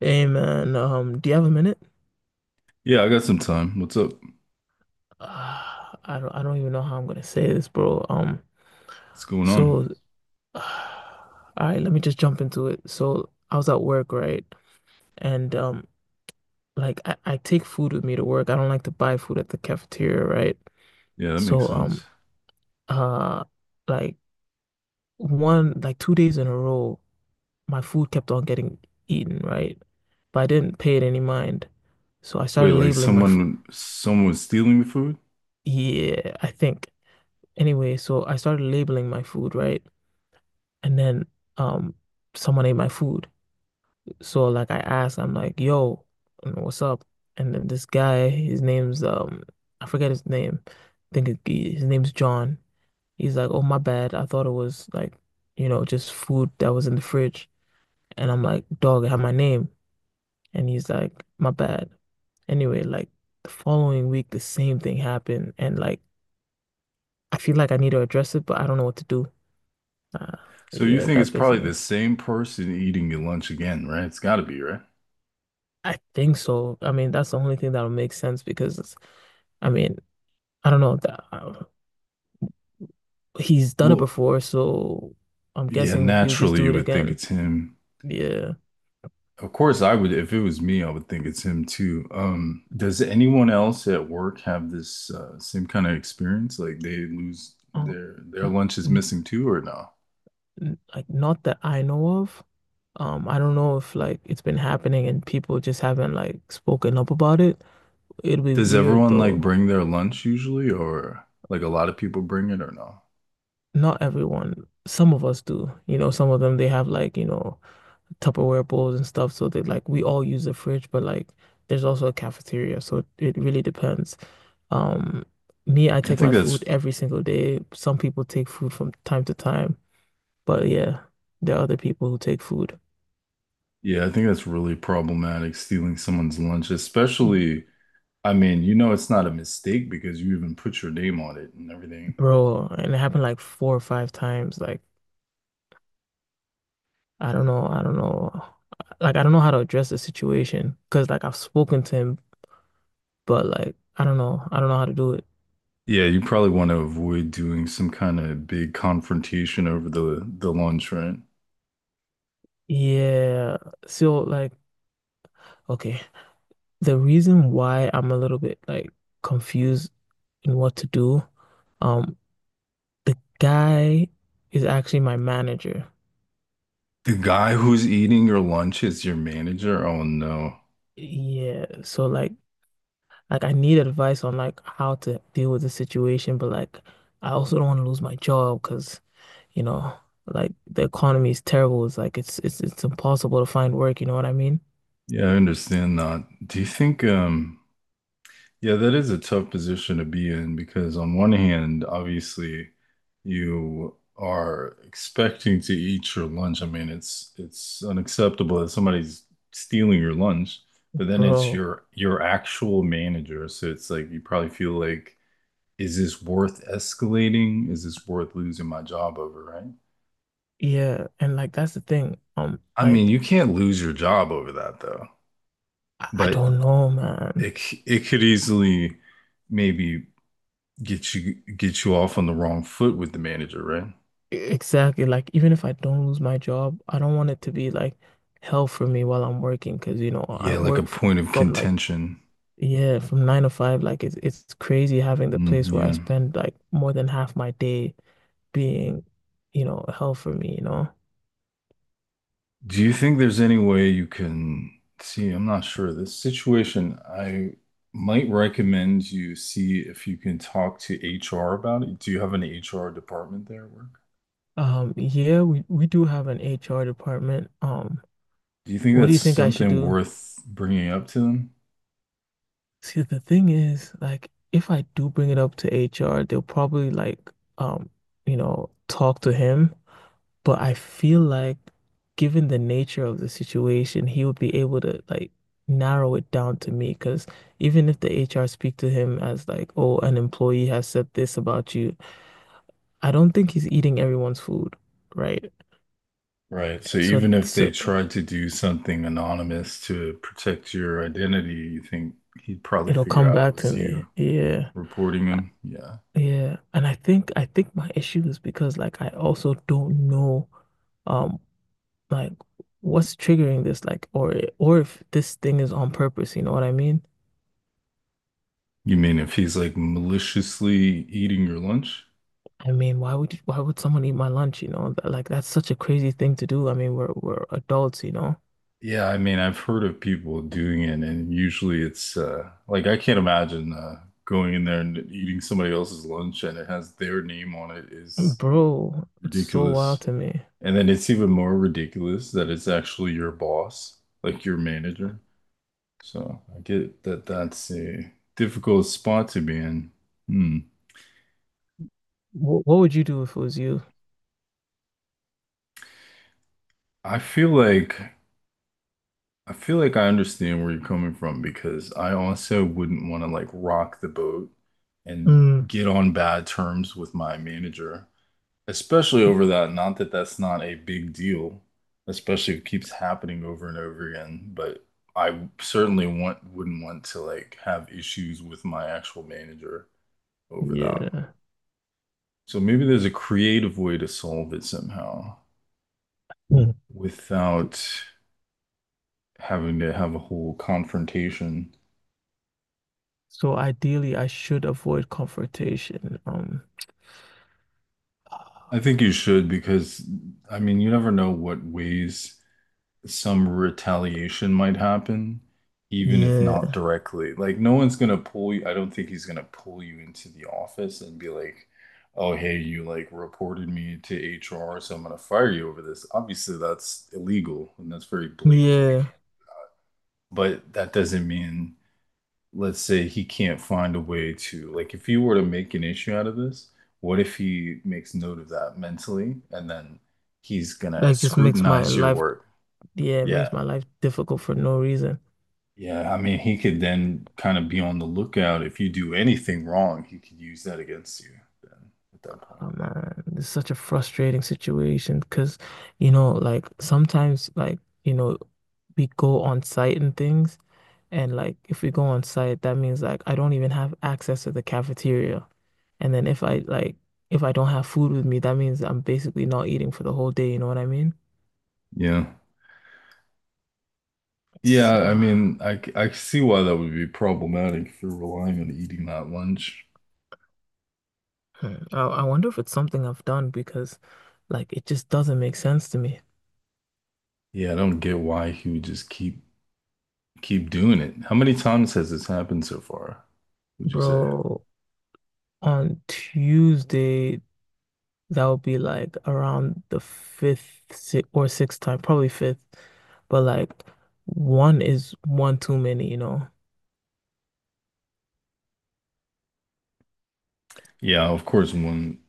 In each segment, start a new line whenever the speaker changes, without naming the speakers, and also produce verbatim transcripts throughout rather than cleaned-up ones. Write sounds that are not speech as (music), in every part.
Hey man, um, do you have a minute? (sighs)
Yeah, I got some time. What's up?
Uh, I don't, I don't even know how I'm gonna say this, bro. Um,
What's going on?
so, (sighs) all right, let me just jump into it. So, I was at work, right? And um, like I, I take food with me to work. I don't like to buy food at the cafeteria, right?
Yeah, that makes
So,
sense.
um, uh, like one, like two days in a row, my food kept on getting eaten, right? But I didn't pay it any mind. So I
Wait,
started
like
labeling my food.
someone someone was stealing the food?
Yeah, I think. Anyway, so I started labeling my food, right? And then um someone ate my food. So like I asked, I'm like, yo, you know, what's up? And then this guy, his name's um I forget his name. I think it, he- his name's John. He's like, oh my bad. I thought it was like, you know, just food that was in the fridge. And I'm like, dog, it had my name. And he's like, my bad. Anyway, like the following week, the same thing happened. And like I feel like I need to address it, but I don't know what to do. Uh,
So you
yeah,
think it's
that's
probably
basically.
the same person eating your lunch again, right? It's got to be, right?
I think so. I mean, that's the only thing that'll make sense because it's- I mean, I don't know that uh, he's done it
Well,
before, so I'm
yeah,
guessing he'll just
naturally
do
you
it
would think
again.
it's him.
Yeah.
Of course, I would if it was me, I would think it's him too. Um, does anyone else at work have this uh, same kind of experience? Like they lose
Oh,
their their
n
lunch is missing
n
too, or no?
n- like not that I know of. Um, I don't know if like it's been happening and people just haven't like spoken up about it. It'd be
Does
weird
everyone like
though.
bring their lunch usually, or like a lot of people bring it or no?
Not everyone. Some of us do. You know, some of them they have like, you know, Tupperware bowls and stuff. So they like we all use the fridge, but like there's also a cafeteria. So it, it really depends. Um, me, I
I
take my
think
food
that's,
every single day. Some people take food from time to time, but yeah, there are other people who take food.
yeah, I think that's really problematic, stealing someone's lunch, especially, I mean, you know, it's not a mistake because you even put your name on it and everything.
Bro, and it happened like four or five times. Like, I don't know, I don't know. Like, I don't know how to address the situation because, like, I've spoken to him, but like, I don't know, I don't know how to do it.
Yeah, you probably want to avoid doing some kind of big confrontation over the the lunch, right?
Yeah. So, like, okay. The reason why I'm a little bit like confused in what to do, um, the guy is actually my manager.
The guy who's eating your lunch is your manager? Oh no.
Yeah, so like like I need advice on like how to deal with the situation, but like I also don't want to lose my job because you know, like the economy is terrible. It's like it's it's it's impossible to find work, you know what I mean?
Yeah, I understand that. Do you think um Yeah, that is a tough position to be in because on one hand, obviously, you are expecting to eat your lunch. I mean, it's it's unacceptable that somebody's stealing your lunch, but then it's
Bro,
your your actual manager. So it's like you probably feel like, is this worth escalating? Is this worth losing my job over, right?
yeah, and like that's the thing. Um,
I mean,
like
you can't lose your job over that though,
I, I
but
don't know, man.
it c- it could easily maybe get you get you off on the wrong foot with the manager, right?
Exactly. Like, even if I don't lose my job, I don't want it to be like hell for me while I'm working because, you know, I
Yeah, like a
work f
point of
from like,
contention.
yeah, from nine to five. Like, it's, it's crazy having the
Mm,
place where I
yeah.
spend like more than half my day being, you know, hell for me, you know?
Do you think there's any way you can see? I'm not sure. This situation, I might recommend you see if you can talk to H R about it. Do you have an H R department there at work?
Um, yeah, we, we do have an H R department. Um,
Do you think
what do
that's
you think I should
something
do?
worth bringing up to them?
See, the thing is, like, if I do bring it up to H R, they'll probably like, um, you know, talk to him. But I feel like, given the nature of the situation, he would be able to like narrow it down to me. Because even if the H R speak to him as like, oh, an employee has said this about you, I don't think he's eating everyone's food, right?
Right. So
So,
even if they
so
tried to do something anonymous to protect your identity, you think he'd probably
it'll
figure
come
out it
back to
was
me.
you.
Yeah.
Reporting
Uh,
him? Yeah.
yeah, and I think I think my issue is because like I also don't know um like what's triggering this like or or if this thing is on purpose, you know what I mean?
You mean if he's like maliciously eating your lunch?
I mean why would you, why would someone eat my lunch, you know? Th- like that's such a crazy thing to do. I mean we're we're adults, you know?
Yeah, I mean, I've heard of people doing it, and usually it's uh, like I can't imagine uh, going in there and eating somebody else's lunch and it has their name on it is
Bro, it's so wild
ridiculous.
to me.
And then it's even more ridiculous that it's actually your boss, like your manager. So I get that that's a difficult spot to be in. Hmm.
what, what would you do if it was you?
I feel like I feel like I understand where you're coming from because I also wouldn't want to like rock the boat and
Mm,
get on bad terms with my manager, especially over that. Not that that's not a big deal, especially if it keeps happening over and over again, but I certainly want wouldn't want to like have issues with my actual manager over that.
yeah.
So maybe there's a creative way to solve it somehow
Mm.
without having to have a whole confrontation.
So ideally I should avoid confrontation. Um
I think you should because, I mean, you never know what ways some retaliation might happen, even if not
yeah.
directly. Like, no one's gonna pull you. I don't think he's gonna pull you into the office and be like, oh, hey, you like reported me to H R, so I'm gonna fire you over this. Obviously, that's illegal and that's very blatant. You
Yeah,
can't, but that doesn't mean let's say he can't find a way to like if you were to make an issue out of this, what if he makes note of that mentally and then he's gonna
like just makes my
scrutinize your
life,
work?
yeah, it
Yeah.
makes my life difficult for no reason.
Yeah, I mean he could then kind of be on the lookout if you do anything wrong, he could use that against you then at that point.
Oh man, it's such a frustrating situation because, you know, like sometimes, like, you know, we go on site and things. And like, if we go on site, that means like I don't even have access to the cafeteria. And then if I like, if I don't have food with me, that means I'm basically not eating for the whole day. You know what I mean?
Yeah.
It's,
Yeah, I
uh,
mean I c- I see why that would be problematic if you're relying on eating that lunch.
hmm, I, I wonder if it's something I've done because like it just doesn't make sense to me.
Yeah, I don't get why he would just keep keep doing it. How many times has this happened so far, would you say?
Bro, on Tuesday, that would be like around the fifth si or sixth time, probably fifth. But like one is one too many, you know?
Yeah, of course, one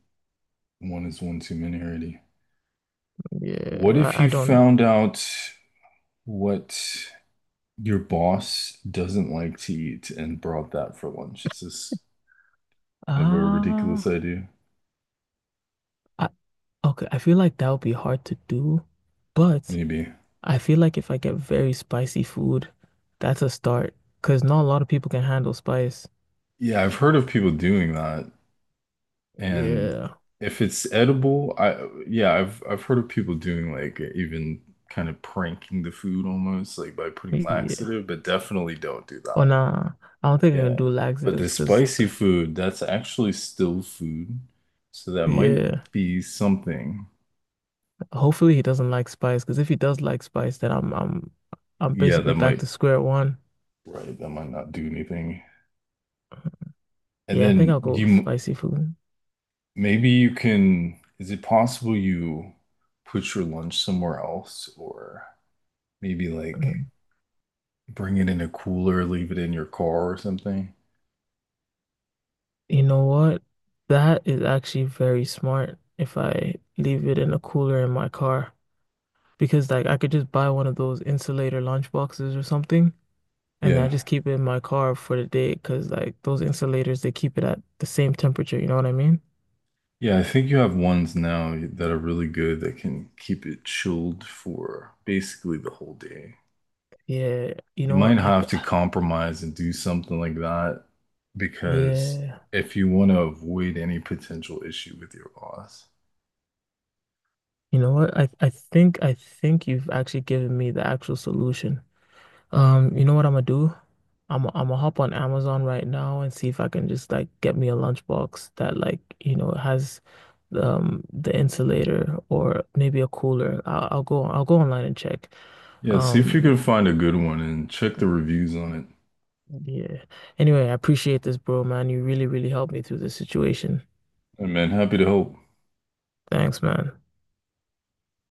one is one too many already.
Yeah,
What if
I, I
you
don't know.
found out what your boss doesn't like to eat and brought that for lunch? Is this kind of a ridiculous
Ah,
idea?
I, okay. I feel like that would be hard to do, but
Maybe.
I feel like if I get very spicy food, that's a start because not a lot of people can handle spice.
Yeah, I've heard of people doing that, and
Yeah,
if it's edible, I yeah, I've I've heard of people doing like even kind of pranking the food almost like by putting
yeah.
laxative, but definitely don't do
Oh
that.
nah, I don't think I can
Yeah.
do
But the
laxatives because
spicy food, that's actually still food. So that might
yeah.
be something.
Hopefully he doesn't like spice because if he does like spice, then I'm I'm I'm
Yeah,
basically
that
back
might,
to square one.
right, that might not do anything. And
Yeah, I think
then
I'll go with
you,
spicy food.
maybe you can, is it possible you put your lunch somewhere else or maybe like
Mm.
bring it in a cooler, leave it in your car or something?
You know what? That is actually very smart if I leave it in a cooler in my car because like I could just buy one of those insulator lunch boxes or something and I
Yeah.
just keep it in my car for the day because like those insulators they keep it at the same temperature, you know what I mean?
Yeah, I think you have ones now that are really good that can keep it chilled for basically the whole day.
Yeah, you
You
know what?
might
I th
have to compromise and do something like that because
Yeah.
if you want to avoid any potential issue with your boss,
You know what? I I think I think you've actually given me the actual solution. Um, you know what I'm gonna do? I'm I'm gonna hop on Amazon right now and see if I can just like get me a lunchbox that like, you know, has the, um the insulator or maybe a cooler. I'll, I'll go I'll go online and check.
yeah, see if you
Um,
can find a good one and check the reviews on it.
yeah. Anyway, I appreciate this, bro, man. You really, really helped me through this situation.
And man, happy to help.
Thanks, man.